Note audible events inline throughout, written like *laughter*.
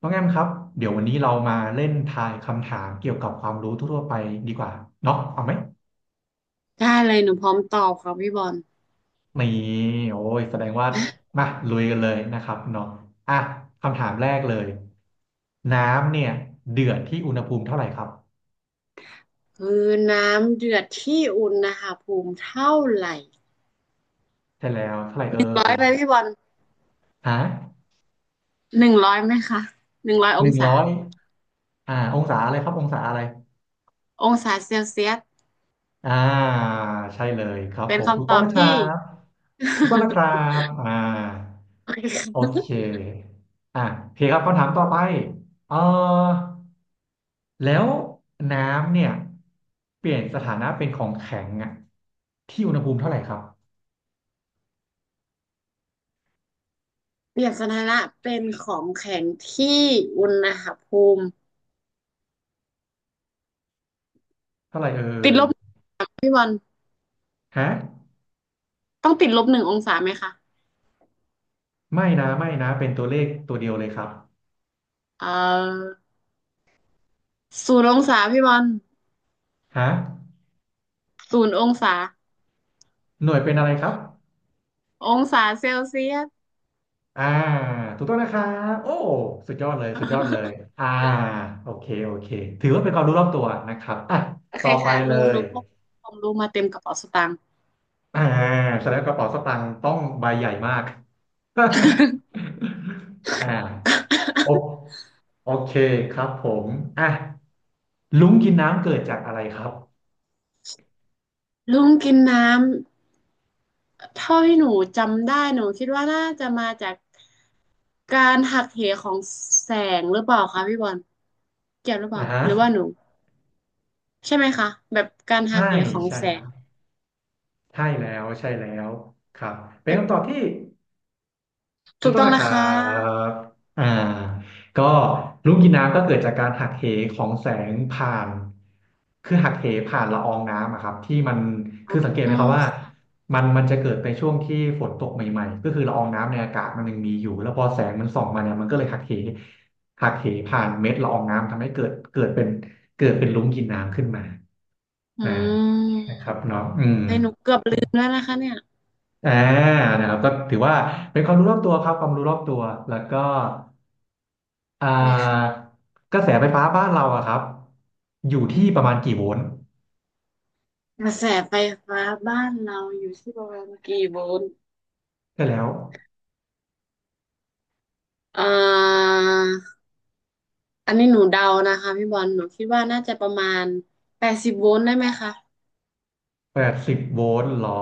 น้องแอมครับเดี๋ยววันนี้เรามาเล่นทายคำถามเกี่ยวกับความรู้ทั่วๆไปดีกว่าเนาะเอาไหมได้เลยหนูพร้อมตอบครับพี่บอลนี่โอ้ยแสดงว่ามาลุยกันเลยนะครับเนาะอ่ะคำถามแรกเลยน้ำเนี่ยเดือดที่อุณหภูมิเท่าไหร่ครับคือน้ำเดือดที่อุณหภูมิเท่าไหร่ใช่แล้วเท่าไหร่เอ่ร้อยไหมยพี่บอลฮะหนึ่งร้อยไหมคะหนึ่งร้อยอหงนึ่งศาร้อยองศาอะไรครับองศาอะไร องศาเซลเซียสอ่าใช่เลยครับเป็ผนมถูกคำตต้อองบนะคที่ รับ *laughs* ถูกต้องนะครับโอเคโอคะเคโอเคครับคำถามต่อไปเออแล้วน้ำเนี่ยเปลี่ยนสถานะเป็นของแข็งอะที่อุณหภูมิเท่าไหร่ครับเปลียนสถานะเป็นของแข็งที่อุณหภูมิเท่าไหร่เอ่ติดยลบพี่บอลฮะต้อง-1 องศาไหมคะไม่นะไม่นะเป็นตัวเลขตัวเดียวเลยครับเอ่อศูนย์องศาพี่บอลฮะศูนย์องศาหน่วยเป็นอะไรครับ องศาเซลเซียส อ่าถูกต้องนะครับโอ้สุดยอดเลยสุดยอดเลยอ่าโอเคโอเคถือว่าเป็นความรู้รอบตัวนะครับโอเคต่อไปค่ะหเลนูหยนูพกของลุงมาเต็มกระเป๋าสตางค์ อ่าแสดงว่ากระเป๋าสตางค์ต้องใบใหญ่มาก *laughs* อ่าโอโอเคครับผมอ่ะลุงกินน้ำเกิดจากอะไรครับ *laughs* ลุงกินน้ำเท่าที่หนูจำได้หนูคิดว่าน่าจะมาจากการหักเหของแสงหรือเปล่าคะพี่บอลเกี่ยวหรือเปอ่าล่าฮะหรือว่าหนูใช่ไหมคะแบบการหัใช่กเหของใช่แสคงรับใช่แล้วใช่แล้วครับเป็แบนบคำตอบที่ ถูถูกกต้อต้งองนะคนะรัคะบอ่าก็ลูกกินน้ำก็เกิดจากการหักเหของแสงผ่านคือหักเหผ่านละอองน้ำอะครับที่มันอ๋คืออสังเกตไหมครับว่าค่ะมันจะเกิดในช่วงที่ฝนตกใหม่ๆก็คือละอองน้ำในอากาศมันยังมีอยู่แล้วพอแสงมันส่องมาเนี่ยมันก็เลยหักเหหักเหผ่านเม็ดละอองน้ำทำให้เกิดเป็นเกิดเป็นลุ้งกินน้ำขึ้นมาอือ่านะคมรับเนาะอืมให้หนูเกือบลืมแล้วนะคะเนี่ยอ่านะครับก็ถือว่าเป็นความรู้รอบตัวครับความรู้รอบตัวแล้วก็ อ่ได้าค่ะกระแสไฟฟ้าบ้านเราอะครับอยู่ที่ประมาณกี่โวลต์กระแสไฟฟ้าบ้านเราอยู่ที่ประมาณกี่โวลต์ได้แล้วอ่า อันนี้หนูเดานะคะพี่บอลหนูคิดว่าน่าจะประมาณ80 โวลต์ได้ไหมคะ80 โวลต์หรอ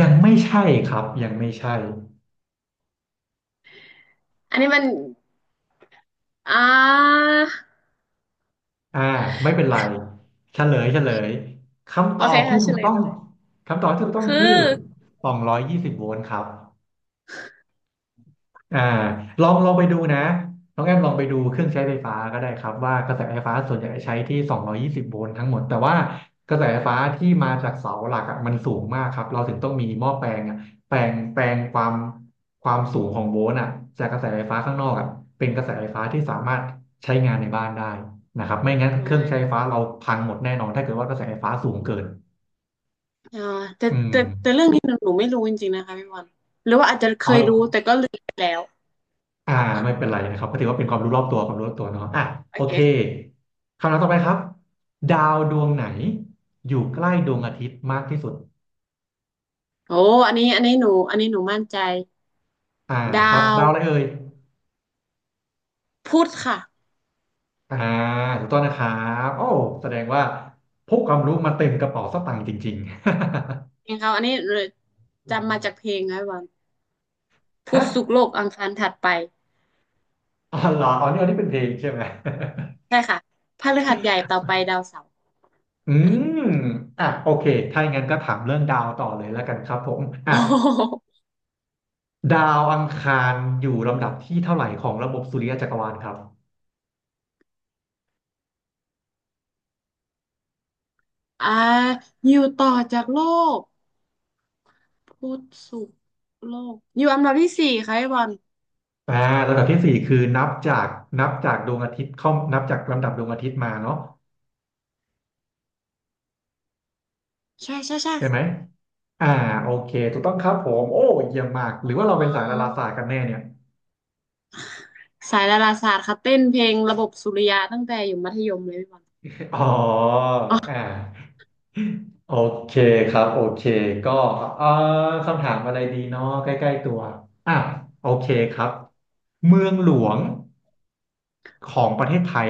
ยังไม่ใช่ครับยังไม่ใช่อันนี้มันอ่าอ่าไม่เป็นไรเฉลยเฉลยคำตโออเคบที่ค่ะเฉถูกลยต้องมาเลยคำตอบที่ถูกต้องคือคือ220 โวลต์ครับ อ่าลองลองไปดูนะน้องแอมลองไปดูเครื่องใช้ไฟฟ้าก็ได้ครับว่ากระแสไฟฟ้าส่วนใหญ่ใช้ที่220โวลต์ทั้งหมดแต่ว่ากระแสไฟฟ้าที่มาจากเสาหลักอะมันสูงมากครับเราถึงต้องมีหม้อแปลงอะแปลงความความสูงของโวลต์อะจากกระแสไฟฟ้าข้างนอกอะเป็นกระแสไฟฟ้าที่สามารถใช้งานในบ้านได้นะครับไม่งั้นโอ้เครื่องยใช้ไฟฟ้าเราพังหมดแน่นอนถ้าเกิดว่ากระแสไฟฟ้าสูงเกินอ่าแต่อืแต่แต่มเรื่องนี้หนูไม่รู้จริงๆนะคะพี่บอลหรือว่าอาจจะเคอยรู้อ แต่ก็ลืมไปแล้วอ่าไม่เป็นไรนะครับก็ถือว่าเป็นความรู้รอบตัวความรู้รอบตัวเนาะโอโอเคเคค่ะคำถามต่อไปครับดาวดวงไหนอยู่ใกล้ดวงอาทิตย์มากที่สุดโอ้อันนี้หนูมั่นใจอ่าครัดาบวดาวอะไรเอ่ยพุธค่ะอ่าถูกต้องนะครับโอ้แสดงว่าพกความรู้มาเต็มกระเป๋าสตางค์จริงจริงเขาอันนี้จำมาจากเพลงนะพี่บอลๆ *laughs* พุฮะธศุกร์โลกอังคารถัดไปอ๋อเหรออ๋อนี่อันนี้เป็นเพลงใช่ไหม *laughs* ใช่ค่ะพฤหัสใหญ่ต่อไปดาวเสาร์อืมโอเคถ้าอย่างนั้นก็ถามเรื่องดาวต่อเลยแล้วกันครับผมโออ่ะ้ ดาวอังคารอยู่ลำดับที่เท่าไหร่ของระบบสุริยะจักรวาลครับ อ่าอยู่ต่อจากโลกพุธศุกร์โลกอยู่อันดับที่4ค่ะพีบอลอ่าลำดับที่สี่คือนับจากดวงอาทิตย์เข้านับจากลำดับดวงอาทิตย์มาเนาะใช่ใช่ไหมค่ะอ่าโอเคถูกต้องครับผมโอ้เยี่ยมมากหรือว้าว่าเราเป็นสายดาราศาสตร์กัวนแน่เนี่ยสายดาราศาสตร์ค่ะเต้นเพลงระบบสุริยะตั้งแต่อยู่มัธยมเลยพี่บอลอ๋ออ๋ออ่าโอเคครับโอเคก็เอ่อคำถามอะไรดีเนาะใกล้ๆตัวอ่ะโอเคครับเมืองหลวงของประเทศไทย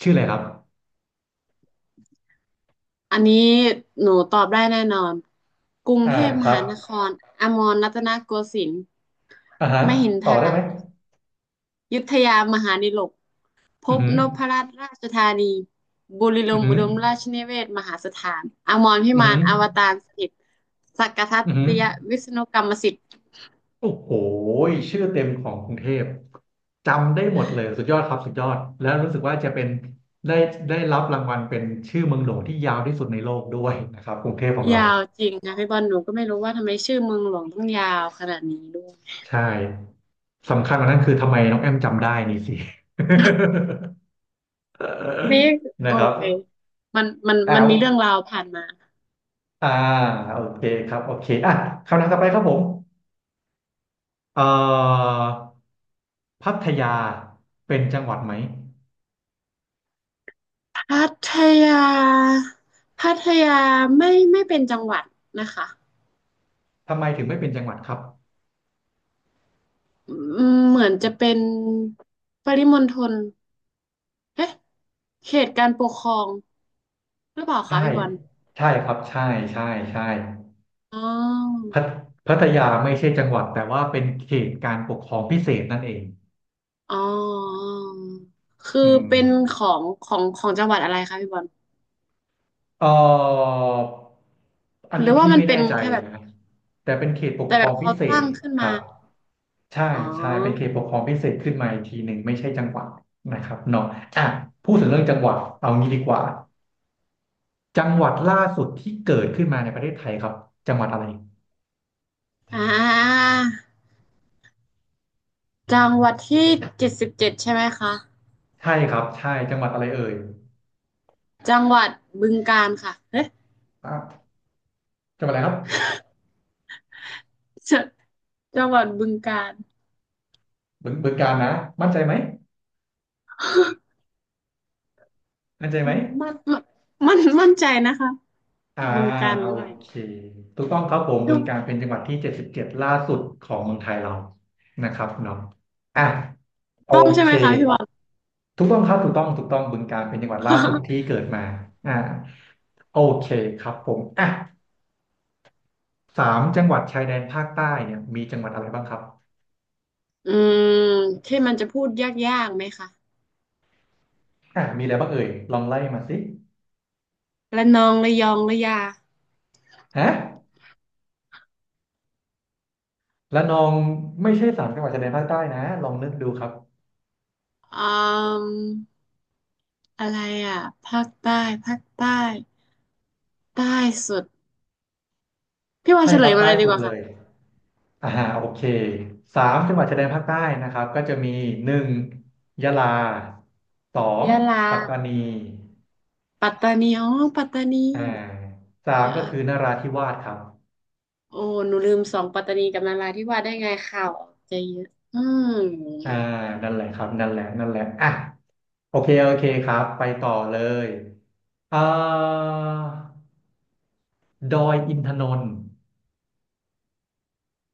ชื่ออะไรครับอันนี้หนูตอบได้แน่นอนกรุงอ่าเทพคมรัหาบนครอมรรัตนโกสินทร์อ่าฮะมหินทต่อราได้ไหมยุทธยามหานิลก พอือบหือนพรัตน์ราชธานีบุรีลอือมย์หือุอ ดมราชนิเวศน์มหาสถานอมรพิอือมาหือนอวตารสถิตสักกทัตอือหือติยวิษณุกรรมสิทธิ์โอ้โหชื่อเต็มของกรุงเทพจำได้หมดเลยสุดยอดครับสุดยอดแล้วรู้สึกว่าจะเป็นได้ได้รับรางวัลเป็นชื่อเมืองหลวงที่ยาวที่สุดในโลกด้วยนะครับกรุงเทพของเรายาวจริงนะพี่บอลหนูก็ไม่รู้ว่าทำไมชื่อเมืองหลวงต้องยาวขนาดนี้ด้วยใช่สำคัญกว่านั้นคือทำไมน้องแอมจำได้นี่สิ นี่ *laughs* โอนะครับเคมันมันแล้มันวมีเรื่องราวผ่านมาอ่าโอเคครับโอเคคำถามต่อไปครับผมเอ่อพัทยาเป็นจังหวัดไหม พัทยาพัทยาไม่เป็นจังหวัดนะคะทำไมถึงไม่เป็นจังหวัดครับอืมเหมือนจะเป็นปริมณฑลเอ๊ะเขตการปกครอง หรือเปล่าคะใช่พี่บอลใช่ครับใช่ใช่ใช่อ๋อพัทพัทยาไม่ใช่จังหวัดแต่ว่าเป็นเขตการปกครองพิเศษนั่นเองอ๋อคืออืมเป็นของจังหวัดอะไรคะพี่บอลเอ่ออันหรืนี้อว่าพี่มันไม่เป็แน่นใจแค่แบบนะแต่เป็นเขตปกแต่ครแบอบงพิเขาเศษตั้งขึ้นครัมาบใช่อ๋อใช่เป็นเขตปกครองพิเศษขึ้นมาอีกทีหนึ่งไม่ใช่จังหวัดนะครับเนาะอ่ะพูดถึงเรื่องจังหวัดเอางี้ดีกว่าจังหวัดล่าสุดที่เกิดขึ้นมาในประเทศไทยครับจังหวัดอะไรอ่าจังหวัดที่77ใช่ไหมคะใช่ครับใช่จังหวัดอะไรเอ่ย จังหวัดบึงกาฬค่ะเอ๊ะจบอะไรครับจจังหวัดบึงกาฬบึงบการนะมั่นใจไหมมั่นใจไหมมันมันมันมั่นใจนะคะอ่าบึงกาฬหโอรืออะไรเคถูกต้องครับผมบึถูงกาฬเป็กนจังหวัดที่77ล่าสุดของเมืองไทยเรานะครับเนาะอ่ะโอต้องใช่เคไหมคะพี่บอล ถูกต้องครับถูกต้องถูกต้องบึงกาฬเป็นจังหวัดล่าสุดที่ *laughs* เกิดมาอ่าโอเคครับผมอ่ะสามจังหวัดชายแดนภาคใต้เนี่ยมีจังหวัดอะไรบ้างครับอืมที่มันจะพูดยากๆไหมคะ อ่ะมีอะไรบ้างเอ่ยลองไล่มาสิระนองระยองระยาฮะระนองไม่ใช่สามจังหวัดชายแดนภาคใต้นะลองนึกดูครับ อืมอะไรอ่ะภาคใต้ภาคใต้ใต้สุดพี่ว่นใช่เฉคลรัยบมาใต้เลยดีสุกดว่าเลค่ะยอ่าโอเคสามจังหวัดชายแดนภาคใต้นะครับก็จะมีหนึ่งยะลาสองยะลาปัตตานีปัตตานีปัตตานีอ่าสามเอก็คือนอราธิวาสครับโอ้หนูลืมสองปัตตานีกับนาราธิวาสได้ไงข่าวออกจะเยอะอืมอ่านั่นแหละครับนั่นแหละนั่นแหละอ่ะโอเคโอเคครับไปต่อเลยเอ่อดอยอินทนนท์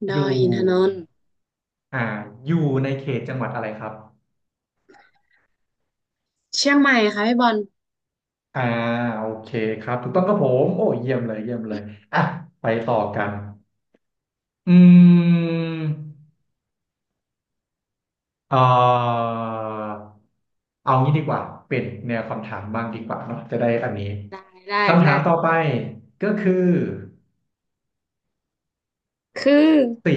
ดออยู่ยอินทนนท์อ่าอยู่ในเขตจังหวัดอะไรครับเชียงใหม่ค่ะพี่บอลอ่าโอเคครับถูกต้องครับผมโอ้เยี่ยมเลยเยี่ยมเลยอ่ะไปต่อกัน อืมเอ่อเอางี้ดีกว่าเป็นแนวคำถามบ้างดีกว่าเนาะจะได้อันนี้ได้ได้คำถาได้มต่อไปก็คือคือสี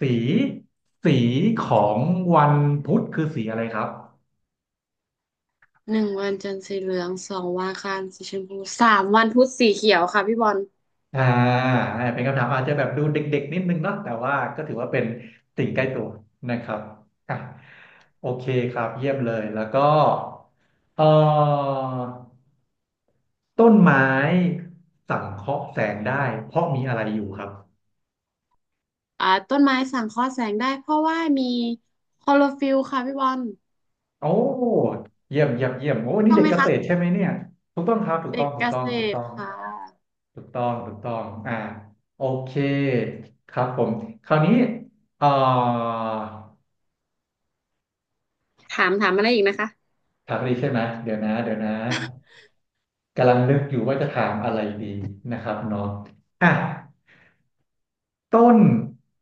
สีสีของวันพุธคือสีอะไรครับ1 วันจันทร์สีเหลือง2 วันอังคารสีชมพู3 วันพุธสีเขียวค่ะพี่บอล อ่าเป็นคำถามอาจจะแบบดูเด็กๆนิดนึงเนาะแต่ว่าก็ถือว่าเป็นสิ่งใกล้ตัวนะครับอ่ะโอเคครับเยี่ยมเลยแล้วก็เอ่อ ต้นไม้สังเคราะห์แสงได้เพราะมีอะไรอยู่ครับต้นไม้สังเคราะห์แสงได้เพราะว่ามีคลอโรฟิลล์ค่ะพี่บอลโอ้เยี่ยมเยี่ยมเยี่ยมโอ้ถูกนี่ต้องเด็กไหมเกคะษตรใช่ไหมเนี่ยถูกต้องครับถูกต้เด็องกถูเกกต้อษงถูกตต้รองค่ะถูกต้องถูกต้องโอเคครับผมคราวนี้เอ่อถามถามอะไรอีกนะคะถามอะไรใช่ไหมเดี๋ยวนะเดี๋ยวนะกำลังนึกอยู่ว่าจะถามอะไรดีนะครับเนาะอ่ะต้น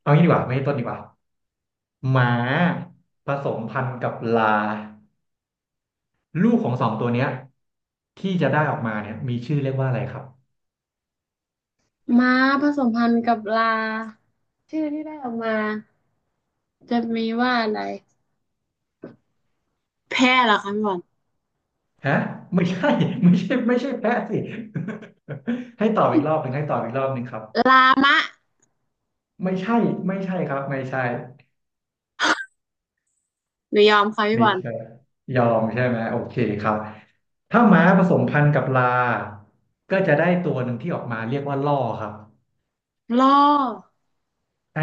เอางี้ดีกว่าไม่ใช่ต้นดีกว่าหมาผสมพันธุ์กับลา ลูกของสองตัวเนี้ยที่จะได้ออกมาเนี่ยมีชื่อเรียกว่าอะไรครับม้าผสมพันธุ์กับลาชื่อที่ได้ออกมาจะมีว่าอะไรแพะเหรอคะพี่บอลฮะไม่ใช่ *laughs* ไม่ใช่ไม่ใช่แพะสิ *laughs* ให้ตอบอีกรอบหนึ่งให้ตอบอีกรอบหนึ่งครับลามะไม่ใช่ไม่ใช่ครับไม่ใช่หนูยอมค่ะพี่ไม่บอลใช่ยอมใช่ไหมโอเคครับถ้าม้าผสมพันธุ์กับลาก็จะได้ตัวหนึ่งที่ออกมาเรียกว่าล่อครับล่ออ่า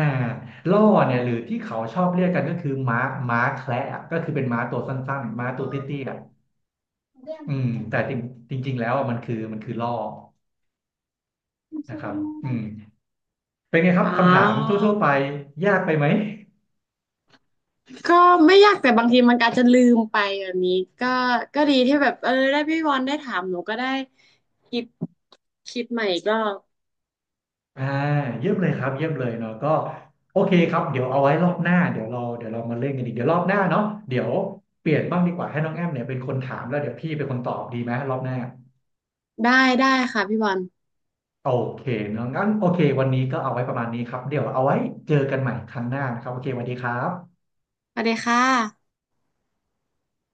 ล่อเนี่ยหรือที่เขาชอบเรียกกันก็คือม้าแคระอะก็คือเป็นม้าตัวสั้นๆอ๋ม้าตัวเตี้ยๆอะ อแต่จริงจริงๆแล้วอะมันคือล่อนะครับอืมเป็นไงครัอ๋บคำถามอ ทั่วๆไปยากไปไหมก็ไม่ยากแต่บางทีมันอาจจะลืมไปแบบนี้ก็ก็ดีที่แบบเออได้พี่บอลได้ถามหนูก็ได้คิดคิดใหม่อีก็อ่าเยี่ยมเลยครับเยี่ยมเลยเนาะก็โอเคครับเดี๋ยวเอาไว้รอบหน้าเดี๋ยวเรามาเล่นกันอีกเดี๋ยวรอบหน้าเนาะเดี๋ยวเปลี่ยนบ้างดีกว่าให้น้องแอมเนี่ยเป็นคนถามแล้วเดี๋ยวพี่เป็นคนตอบดีไหมรอบหน้าได้ได้ค่ะพี่บอลโอเคเนาะงั้นโอเควันนี้ก็เอาไว้ประมาณนี้ครับเดี๋ยวเอาไว้เจอกันใหม่ครั้งหน้านะครับโอเคสวัสดีครับสวัสดีค่ะ